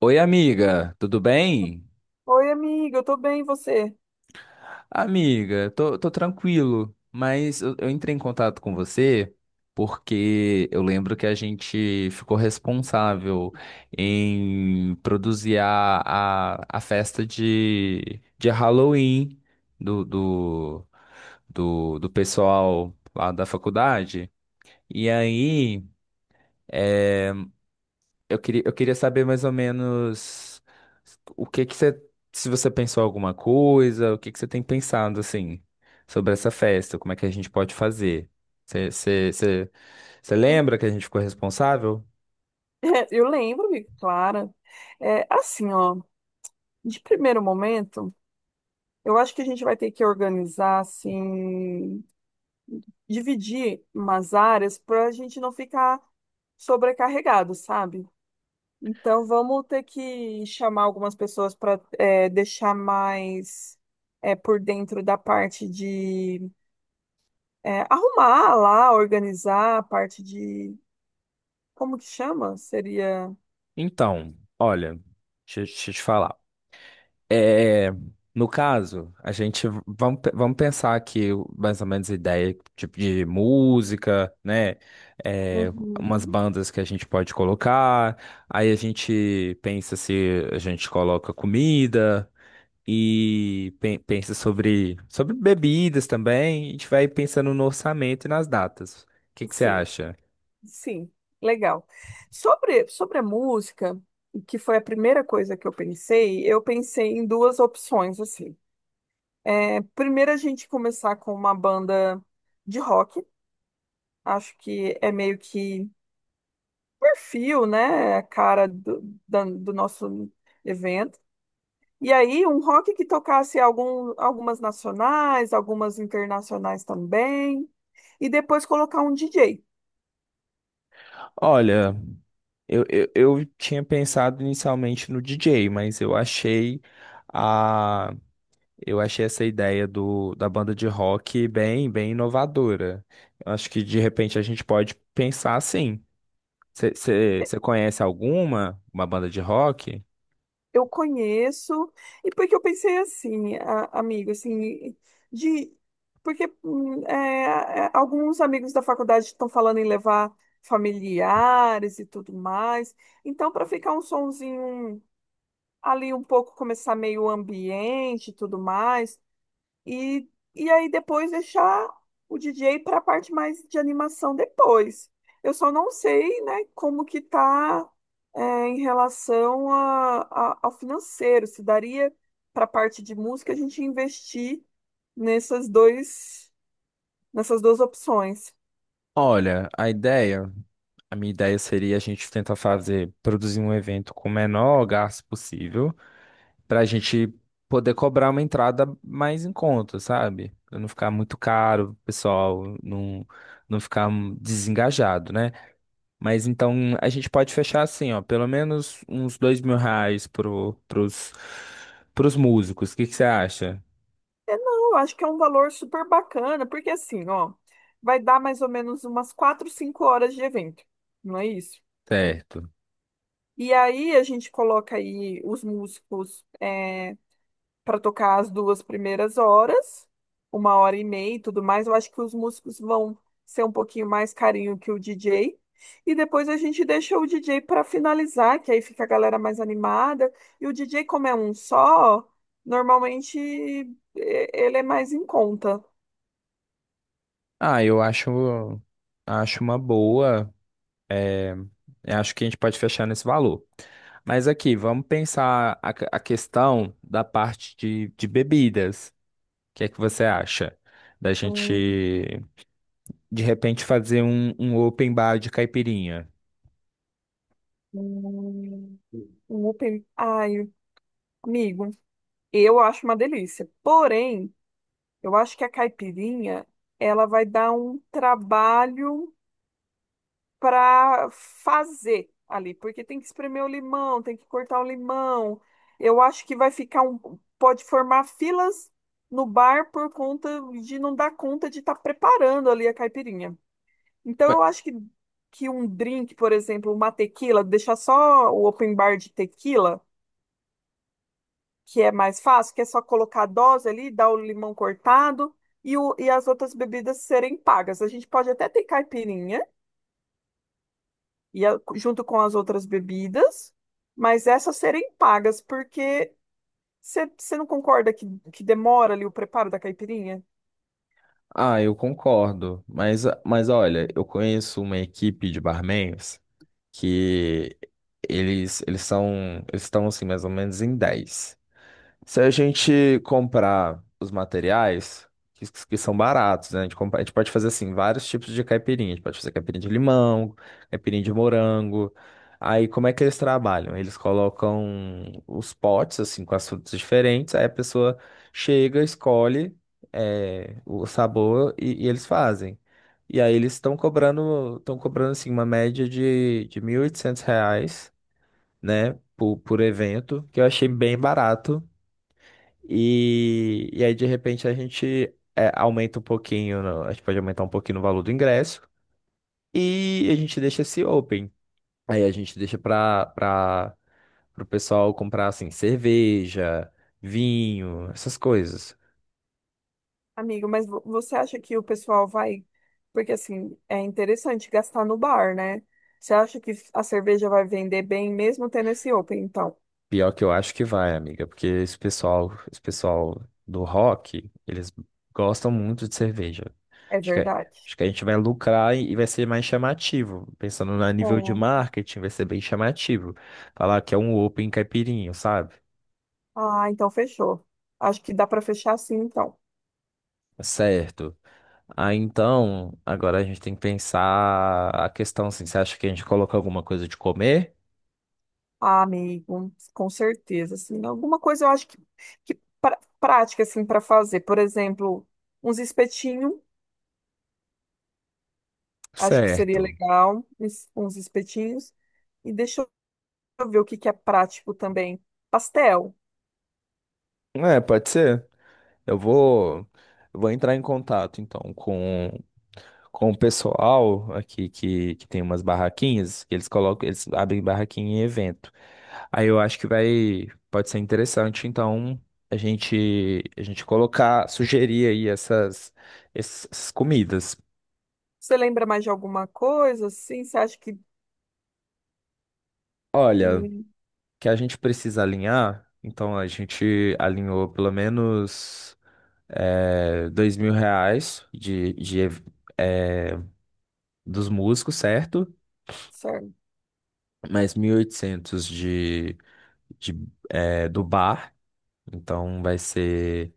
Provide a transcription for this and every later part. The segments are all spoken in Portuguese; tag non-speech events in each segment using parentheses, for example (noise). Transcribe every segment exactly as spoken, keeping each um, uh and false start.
Oi, amiga, tudo bem? Oi, amiga, eu tô bem, e você? Amiga, tô, tô tranquilo, mas eu, eu entrei em contato com você porque eu lembro que a gente ficou responsável em produzir a, a, a festa de, de Halloween do, do, do, do pessoal lá da faculdade. E aí. Eu queria, eu queria saber mais ou menos o que que você, se você pensou alguma coisa, o que que você tem pensado assim sobre essa festa, como é que a gente pode fazer? Você, você, você, você lembra que (laughs) a gente ficou responsável? Eu lembro, amiga, Clara. É, assim, ó, de primeiro momento, eu acho que a gente vai ter que organizar, assim, dividir umas áreas para a gente não ficar sobrecarregado, sabe? Então vamos ter que chamar algumas pessoas para deixar mais é, por dentro da parte de é, arrumar lá, organizar a parte de como que chama? Seria. Então, olha, deixa, eu- deixa eu te falar. É, no caso, a gente vamos, pe- vamos pensar aqui o- mais ou menos ideia tipo de música, né? É, umas Uhum. bandas que a gente pode colocar. Aí a gente pensa se a gente coloca comida e pe- pensa sobre sobre bebidas também. A gente vai pensando no orçamento e nas datas. O que que você Sim, acha? sim, legal. Sobre sobre a música, que foi a primeira coisa que eu pensei, eu pensei em duas opções assim. É, primeiro a gente começar com uma banda de rock. Acho que é meio que perfil, né? A cara do, da- do nosso evento. E aí, um rock que tocasse algum, algumas nacionais, algumas internacionais também. E depois colocar um D J. Olha, eu, eu, eu tinha pensado inicialmente no D J, mas eu achei a eu achei essa ideia do, da banda de rock bem, bem inovadora. Eu acho que de repente a gente pode pensar assim. Você conhece alguma, uma banda de rock? Eu conheço, e porque eu pensei assim, a- amigo, assim, de porque hum, é, é, alguns amigos da faculdade estão falando em levar familiares e tudo mais. Então, para ficar um sonzinho ali um pouco, começar meio ambiente e tudo mais, e, e aí depois deixar o D J para a parte mais de animação depois. Eu só não sei, né, como que tá é, em relação a, a- ao financeiro, se daria para a parte de música a gente investir nessas dois, nessas duas opções. Olha, a ideia, a minha ideia seria a gente tentar fazer, produzir um evento com o menor gasto possível, para a gente poder cobrar uma entrada mais em conta, sabe? Pra não ficar muito caro, o pessoal não, não ficar desengajado, né? Mas então a gente pode fechar assim, ó, pelo menos uns dois mil reais pro, pros, pros músicos. O que que você acha? É, não, eu acho que é um valor super bacana, porque assim, ó, vai dar mais ou menos umas quatro, cinco horas de evento, não é isso? Certo. E aí a gente coloca aí os músicos eh, para tocar as duas primeiras horas, uma hora e meia e tudo mais. Eu acho que os músicos vão ser um pouquinho mais carinho que o D J. E depois a gente deixa o D J para finalizar, que aí fica a galera mais animada. E o D J, como é um só, normalmente e- ele é mais em conta. Ah, eu acho, acho uma boa. Eu acho que a gente pode fechar nesse valor. Mas aqui, vamos pensar a, que- a questão da parte de, de bebidas. O que é que você acha? Da gente, Hum, de repente, fazer um, um open bar de caipirinha. hum, Um open... Ai, amigo, eu acho uma delícia. Porém, eu acho que a caipirinha, ela vai dar um trabalho para fazer ali, porque tem que espremer o limão, tem que cortar o limão. Eu acho que vai ficar um, pode formar filas no bar por conta de não dar conta de estar preparando ali a caipirinha. Então eu acho que que um drink, por exemplo, uma tequila, deixar só o open bar de tequila, que é mais fácil, que é só colocar a dose ali, dar o limão cortado e, o, e as outras bebidas serem pagas. A gente pode até ter caipirinha e a- junto com as outras bebidas, mas essas serem pagas, porque você não concorda que, que demora ali o preparo da caipirinha? Ah, eu concordo, mas, mas olha, eu conheço uma equipe de barmans que eles, eles são, eles estão assim mais ou menos em dez. Se a gente comprar os materiais, que, que são baratos, né? A gente, compra- a gente pode fazer assim, vários tipos de caipirinha. A gente pode fazer caipirinha de limão, caipirinha de morango. Aí, como é que eles trabalham? Eles colocam os potes, assim, com as frutas diferentes. Aí a pessoa chega, escolhe, é, o sabor e, e eles fazem. E aí eles estão cobrando, estão cobrando, assim, uma média de, de mil e oitocentos reais, né? Por, por evento, que eu achei bem barato e, e aí, de repente, a gente é, aumenta um pouquinho, no- a gente pode aumentar um pouquinho no valor do ingresso e a gente deixa esse open. Aí a gente deixa para para o pessoal comprar assim, cerveja, vinho, essas coisas. Amigo, mas vo- você acha que o pessoal vai. Porque assim, é interessante gastar no bar, né? Você acha que a cerveja vai vender bem mesmo tendo esse open? Então, Pior que eu acho que vai, amiga, porque esse pessoal, esse pessoal do rock, eles gostam muito de cerveja. é Acho que, verdade. acho que a gente vai lucrar e e vai ser mais chamativo. Pensando no nível de É. marketing, vai ser bem chamativo. Falar que é um open caipirinho, sabe? Ah, então fechou. Acho que dá para fechar assim, então. É certo. Ah, então, agora a gente tem que pensar a questão assim, você acha que a gente coloca alguma coisa de comer? Ah, amigo, com certeza, assim, alguma coisa eu acho que, que pra- prática, assim, para fazer, por exemplo, uns espetinhos, acho que seria Certo. legal, uns uns espetinhos, e deixa eu ver o que que é prático também, pastel, É, pode ser. Eu vou, eu vou entrar em contato então com com o pessoal aqui que, que tem umas barraquinhas, que eles colocam, eles abrem barraquinha em evento. Aí eu acho que vai, pode ser interessante, então, a gente, a gente colocar, sugerir aí essas, essas comidas. você lembra mais de alguma coisa, assim, você acha que, Olha, que que a gente precisa alinhar, então a gente alinhou pelo menos é, dois mil reais de, de ev- é, dos músicos, certo? certo. Mais mil e oitocentos de, de, é, do bar. Então vai ser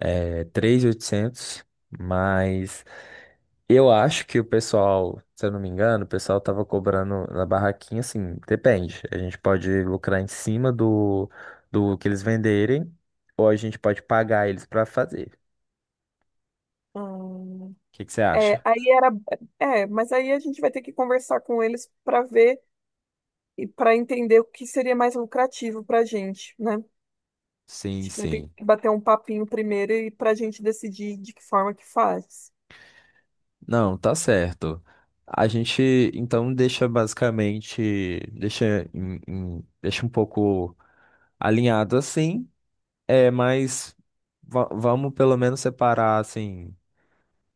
é, três mil e oitocentos, mas eu acho que o pessoal, se eu não me engano, o pessoal tava cobrando na barraquinha, assim, depende. A gente pode lucrar em cima do, do que eles venderem, ou a gente pode pagar eles para fazer. Hum, O que que você é, acha? aí era, é, mas aí a gente vai ter que conversar com eles para ver e para entender o que seria mais lucrativo para a gente, né? Sim, Acho que vai ter sim. que bater um papinho primeiro e para a gente decidir de que forma que faz. Não, tá certo. A gente então deixa basicamente, deixa, em- em- deixa um pouco alinhado assim. É, mas va- vamos pelo menos separar, assim,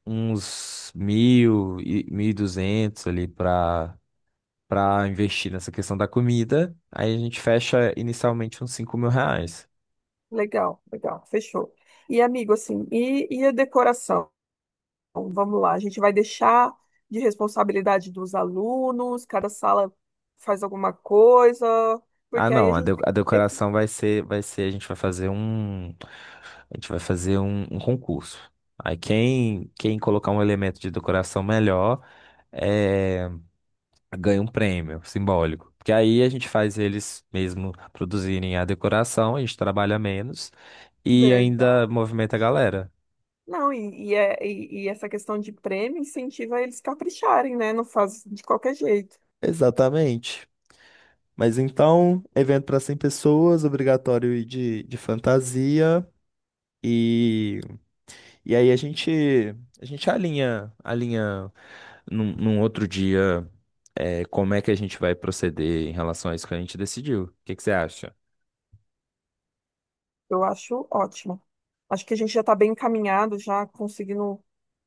uns mil e mil e duzentos ali para para investir nessa questão da comida. Aí a gente fecha inicialmente uns cinco mil reais. Legal, legal, fechou. E amigo, assim, e, e a decoração? Vamos lá, a gente vai deixar de responsabilidade dos alunos, cada sala faz alguma coisa, Ah, porque aí a não, a, de- gente a é decoração vai ser, vai ser, a gente vai fazer um, a gente vai fazer um, um concurso. Aí quem, quem colocar um elemento de decoração melhor, é ganha um prêmio simbólico. Porque aí a gente faz eles mesmo produzirem a decoração, a gente trabalha menos e verdade. ainda movimenta a galera. Não, e, e, é- e- e essa questão de prêmio incentiva eles capricharem, né? Não faz de qualquer jeito. Exatamente. Mas então, evento para cem pessoas, obrigatório ir de, de fantasia. E, e aí a gente, a gente alinha, alinha num, num outro dia, é, como é que a gente vai proceder em relação a isso que a gente decidiu. O que que você acha? Eu acho ótimo. Acho que a gente já está bem encaminhado, já conseguindo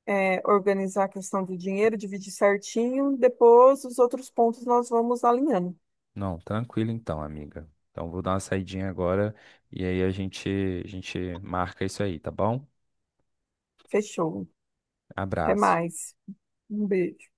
é, organizar a questão do dinheiro, dividir certinho. Depois, os outros pontos nós vamos alinhando. Não, tranquilo então, amiga. Então vou dar uma saidinha agora e aí a gente a gente marca isso aí, tá bom? Fechou. Até Abraço. mais. Um beijo.